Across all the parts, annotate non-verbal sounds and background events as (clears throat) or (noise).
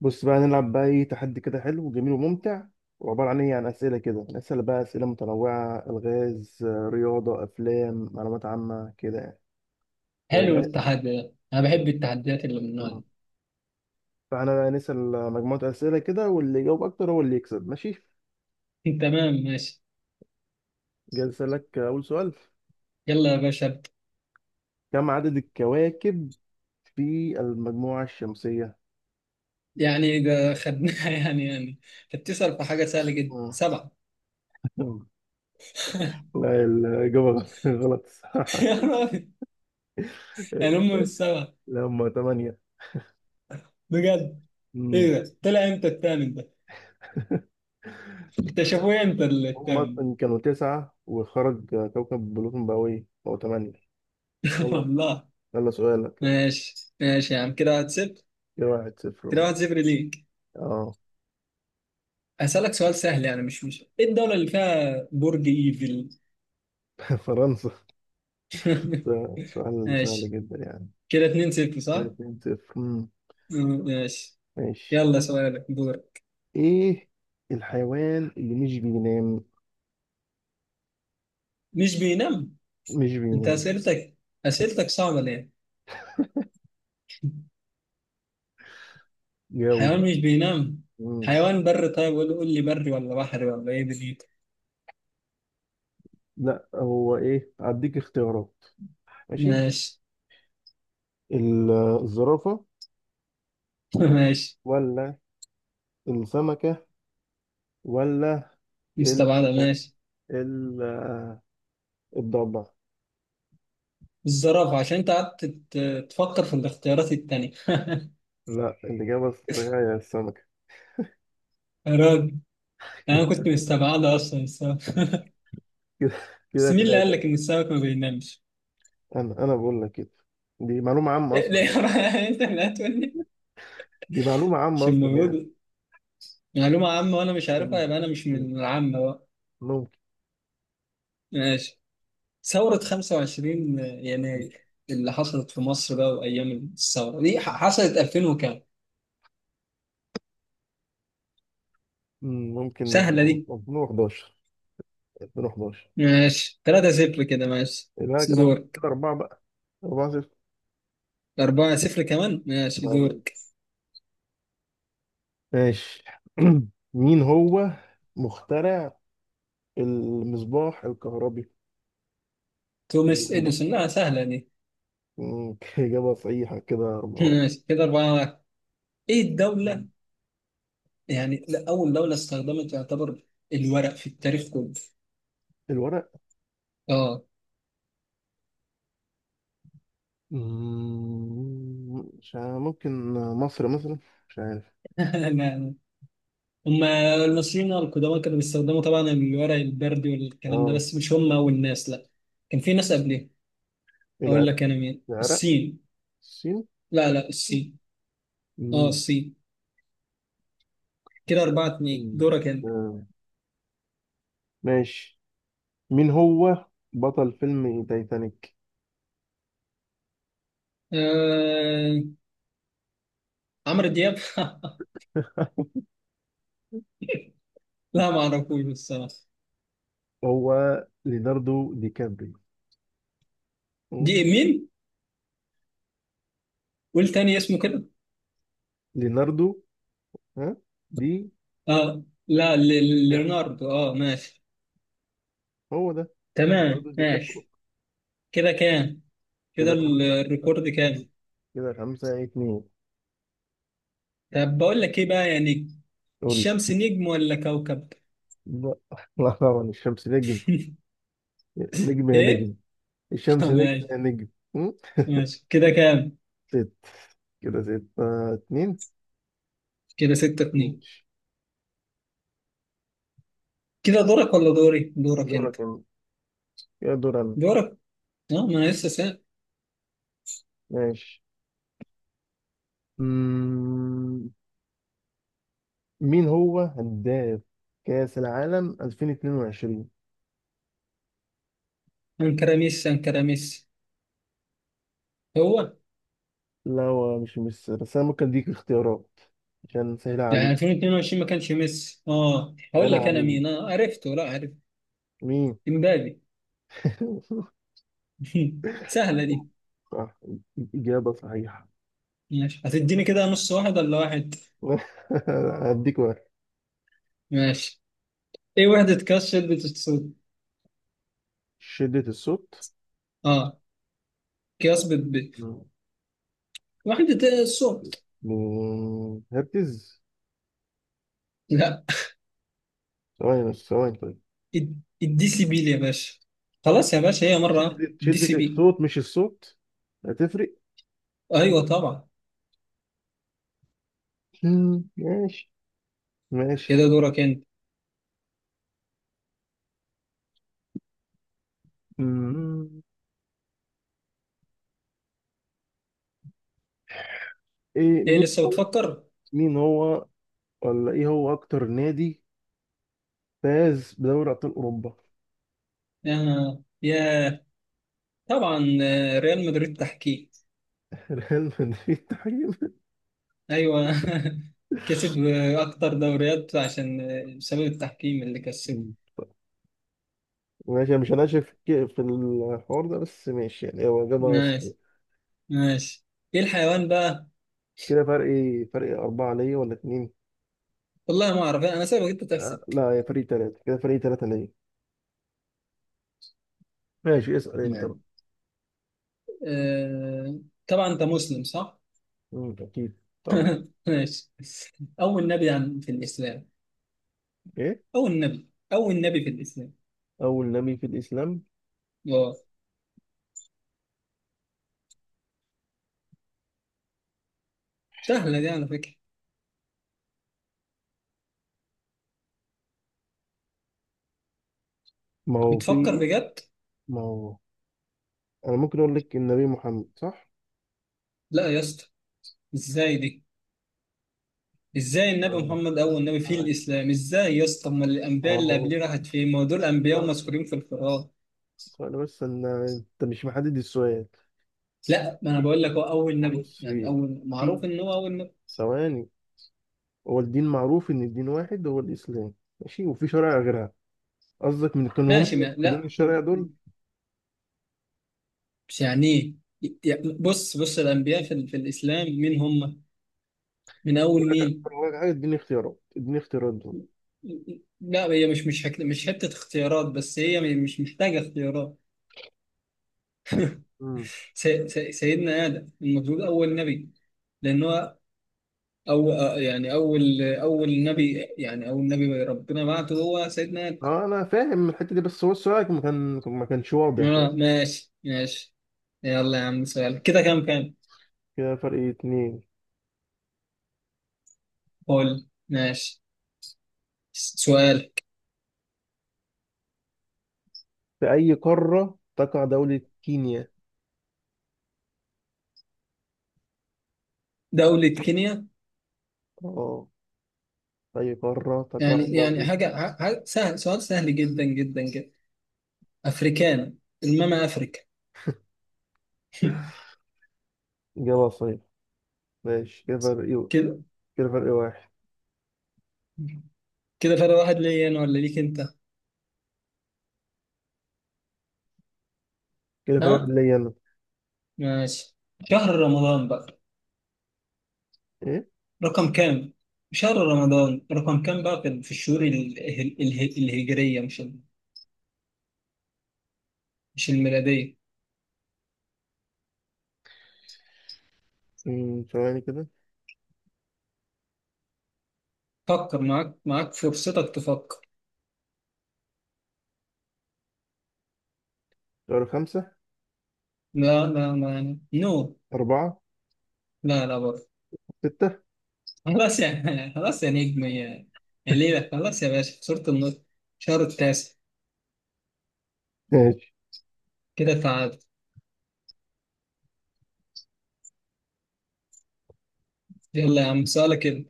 بص بقى نلعب بقى ايه تحدي كده حلو وجميل وممتع وعبارة عن اسئلة كده نسأل بقى اسئلة متنوعة الغاز رياضة افلام معلومات عامة كده يعني حلو فجاه. التحدي ده، انا بحب التحديات اللي من النوع مم. ده. فاحنا بقى نسأل مجموعة اسئلة كده واللي يجاوب اكتر هو اللي يكسب، ماشي. (laughs) تمام، ماشي. جاي اسألك اول سؤال. يلا يا باشا ابدأ. كم عدد الكواكب في المجموعة الشمسية؟ ده خدناها. (laughs) انت بتسأل في حاجة سهلة جدا. سبعة. مم. (laughs) لا الإجابة غلط (laughs) الصراحة. يا راجل. يعني هم مش (laughs) سبعة؟ لا هم تمانية. بجد؟ ايه ده، طلع امتى التامن ده؟ اكتشفوه امتى هم التامن ده؟ أصلا كانوا تسعة وخرج كوكب بلوتون بقى إيه؟ بقوا تمانية. (laughs) يلا، والله. يلا سؤالك يلا. ماشي ماشي يا عم، كده واحد صفر. كده واحد كده صفر. واحد صفر ليك. اه. هسألك سؤال سهل، يعني مش ايه، الدولة اللي فيها برج ايفل؟ (laughs) فرنسا. (laughs) ده سؤال سهل ماشي، جدا يعني. كده اتنين صفر كده صح؟ اتنين صفر، مم، مم، ماشي. ماشي. يلا سؤالك دور. ايه الحيوان اللي مش بينام؟ مش بينام؟ مش انت بينام. اسئلتك صعبة ليه؟ جاوب حيوان بقى. مش بينام. مم. حيوان بري؟ طيب قول قول لي، بري ولا بحري ولا ايه دنيتك؟ لا هو ايه، هديك اختيارات. ماشي. ماشي. ال- الزرافة، (laughs) ماشي. ولا السمكة، ولا ال مستبعدة. ماشي. ال الضبع. الزرافة، عشان انت قعدت تفكر في الاختيارات التانية. (laughs) لا الإجابة الصحيحة هي السمكة. يا راجل، انا كده، كنت مستبعدة اصلا السمك. كده بس كده مين اللي قال تلاتة. لك ان السمك ما بينامش؟ أنا بقول لك كده. دي معلومة عامة إيه، أصلا ليه؟ يعني. (laughs) انت اللي هتقول لي؟ دي معلومة عامة مش أصلا يعني. المفروض؟ معلومة عامة وانا مش عارفها، أم- يبقى انا مش من العامة بقى. ممكن. ماشي. ثورة 25 يناير اللي حصلت في مصر بقى، وأيام الثورة دي حصلت 2000 وكام؟ ممكن. سهلة دي. 2011. 2011. ماشي، 3-0 كده، ماشي يبقى كده، دورك. كده أربعة بقى، أربعة صفر. 4-0 كمان، ماشي أم، دورك. ماشي. (clears throat) مين هو مخترع المصباح الكهربي؟ توماس اللمبة. إديسون. لا سهلة دي. (laughs) إجابة صحيحة، كده أربعة (laughs) واحد. ماشي كده 4-1. إيه الدولة، يعني لا، أول دولة استخدمت يعتبر الورق في التاريخ كله؟ الورق. آه. مش عارف، ممكن مصر مثلا. مش عارف. (laughs) لا، لا. هم المصريين القدماء كانوا بيستخدموا طبعا الورق البردي والكلام ده، اه. بس مش هم أول ناس لا. كان في ناس قبلهم. اقول العرق لك انا، مين؟ العرق السين. الصين. لا لا، السين. اه مم. السين. كده اربعة اتنين، مم. دورك انت. آه، ماشي. مين هو بطل فيلم تايتانيك؟ آه... عمرو دياب. (laughs) لا ما اعرفوش الصراحة. هو ليناردو دي كابريو. مم. دي مين؟ قول تاني اسمه كده. ليناردو. ها. دي. اه لا، لا، ليوناردو، اه ماشي. هو ده. ليناردو تمام دي كابريو. ماشي. كده كام؟ كده كده خمسة الريكورد كام؟ كده خمسة اتنين. طب بقول لك ايه بقى، يعني قول لي. الشمس نجم ولا كوكب؟ لا (laughs) لا طبعا الشمس نجم. (laughs) نجم يا نجم. ايه؟ (laughs) آه، الشمس نجم يا ماشي نجم. مم. (laughs) ماشي. كده كام؟ ست، كده ستة اتنين. كده ستة اتنين. ماشي. كده دورك ولا دوري؟ دورك انت. دورك أنا. يا دور أنا. دورك، اه ما انا لسه سأل. ماشي. مم، مين هو هداف كأس العالم 2022؟ انكر ميسي، انكر ميسي. هو، لا هو مش بس انا ممكن اديك اختيارات عشان سهلة يعني عليك. 2022 ما كانش ميسي. اه هقول سهلة لك انا عليك. مين، اه عرفته، لا عرفت. مين؟ امبابي. (laughs) (laughs) سهله دي. صح، إجابة صحيحة. ماشي، هتديني كده نص واحد ولا واحد؟ (laughs) هديك واحد. ماشي. ايه وحده قياس شده الصوت؟ شدة الصوت. اه، قياس مم. وحده الصوت. هرتز. لا. ثواني بس، ثواني طيب. الدي سي بي يا باشا. خلاص يا باشا، هي مره شدة الدي سي شدة بي. الصوت مش الصوت. هتفرق. ايوه طبعا. مم، ماشي. ماشي. كده دورك انت. مم، ايه، ايه، مين لسه بتفكر؟ مين هو ولا ايه هو اكتر نادي فاز بدوري ابطال اوروبا؟ آه. يا طبعا، آه، ريال مدريد، تحكيم. (laughs) ريال مدريد تحديدا. ايوه. (laughs) كسب اكتر دوريات عشان، بسبب التحكيم اللي كسبه. ماشي أنا مش هناشف في الحوار ده، بس ماشي يعني هو إجابة صحيحة. ماشي ماشي. ايه الحيوان بقى؟ كده فرق إيه؟ فرق أربعة ليا ولا اتنين؟ والله ما اعرف، انا سايبك انت أه تحسب. لا يا فريق تلاتة، كده فريق تلاتة ليا. ماشي، اسأل أنت بقى. نعم. آه... طبعا انت مسلم صح؟ أكيد، طبعا. (laughs) ماشي. اول نبي في الاسلام؟ إيه؟ اول نبي، اول نبي في الاسلام. أول نبي في الإسلام. اه. سهله دي على فكره. ما هو بتفكر في. بجد؟ ما هو أنا ممكن أقول لك النبي محمد صح؟ لا يا اسطى. ازاي دي؟ ازاي ما النبي هو محمد اول نبي في الاسلام؟ ازاي يا اسطى، ما ما الانبياء اللي هو قبليه راحت فين؟ ما هو دول ما انبياء هو- ومذكورين في القران. ثواني بس، أنا أنت مش محدد السؤال. لا ما انا بقول لك هو اول نبي، بص. يعني اول، في. معروف ان هو اول نبي. ثواني. هو الدين معروف ان الدين واحد هو الاسلام، ماشي، وفي شرائع غيرها. قصدك من كانوا هم ماشي، ما دين لا. الشرائع دول. مش يعني، ايه بص بص، الانبياء في, في الاسلام مين هم؟ من اول يقول لك مين؟ أقول لك حاجه، اديني اختيارات، اديني اختيارات دول. لا، هي مش مش حته اختيارات، بس هي مش محتاجه اختيارات. امم. سيدنا ادم المفروض اول نبي. لان هو، أو آه، يعني أول نبي، يعني أول نبي ربنا بعته هو سيدنا. اه انا فاهم الحته دي، بس هو السؤال ما كانش واضح آه، بس. ماشي ماشي. يلا يا عم، سؤال. كده كام كام؟ كده فرق اتنين. قول. ماشي، سؤال. في اي قاره تقع دوله كينيا؟ دولة كينيا؟ اه، في اي قاره يعني تقع يعني دوله. حاجة سهل، سؤال سهل جدا جدا جدا. أفريكان. الماما أفريكا. (laughs) (laughs) إجابة صحيح. ماشي، كده فرق إيه؟ كده، كده فرق واحد. كده فرق واحد ليا أنا ولا ليك أنت؟ كده ها، فرق واحد ليا أنا. ماشي. شهر رمضان بقى، إيه؟ رقم كام؟ شهر رمضان رقم كام بقى في الشهور الهجرية مش مش الميلادية. ثواني كده. فكر معاك معاك، فرصتك تفكر. شهر خمسة. لا لا، ما نو. أربعة. لا لا برضه. ستة. خلاص يا (laughs) خلاص يا نجم، يا يا ليلى خلاص يا باشا، خسرت النص. شهر التاسع. ماشي. كده تعادل. يلا يا عم سؤالك. كده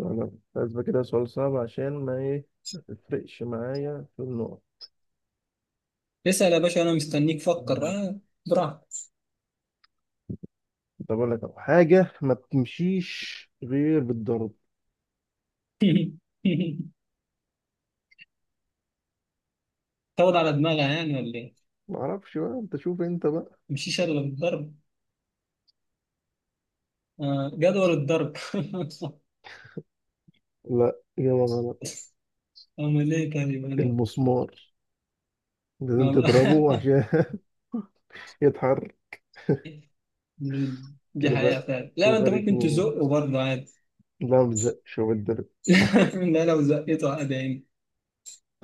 أنا لازم كده سؤال صعب عشان ما إيه، ما تفرقش معايا في النقط. اسأل يا باشا، انا مستنيك، فكر، مم. اه، براحتك. طب أقول لك أهو، حاجة ما بتمشيش غير بالضرب. (laughs) تاخد على دماغها يعني ولا ايه؟ معرفش بقى، أنت شوف أنت بقى. مشيش الا بالضرب. آه، جدول الضرب. لا إجابة غلط. (laughs) أمال إيه طيب أنا؟ المسمار لازم ما بقى. تضربه عشان (laughs) يتحرك. (laughs) دي كده حقيقة بقى، فعلا، لا كده ما أنت فرق ممكن اتنين. تزقه برضه عادي. لا مزقش هو بالضرب. (laughs) لا، لو زقته عادي يعني.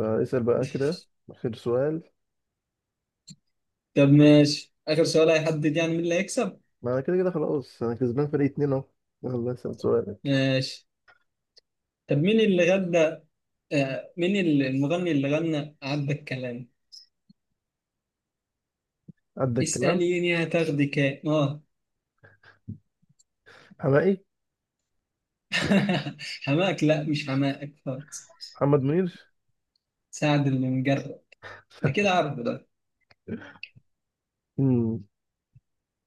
اسأل بقى كده، آخر سؤال. طب ماشي، آخر سؤال هيحدد يعني مين اللي هيكسب. ما أنا كده كده خلاص، أنا كسبان فرق اتنين أهو. يلا اسأل سؤالك. ماشي. طب، مين اللي غنى، آه، مين المغني اللي غنى عدى الكلام؟ عندك كلام. اسأليني هتاخدك إيه؟ اه. حمائي. (laughs) حماك؟ لا مش حماك خالص. محمد منير. سعد اللي مجرب. أكيد عارفه ده. مم.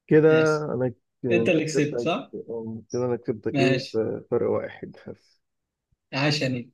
كده ماشي. انا ك- أنت اللي كسبت كسبتك. صح؟ كده انا كسبتك ايه، ماشي. بفرق واحد بس. عشاني.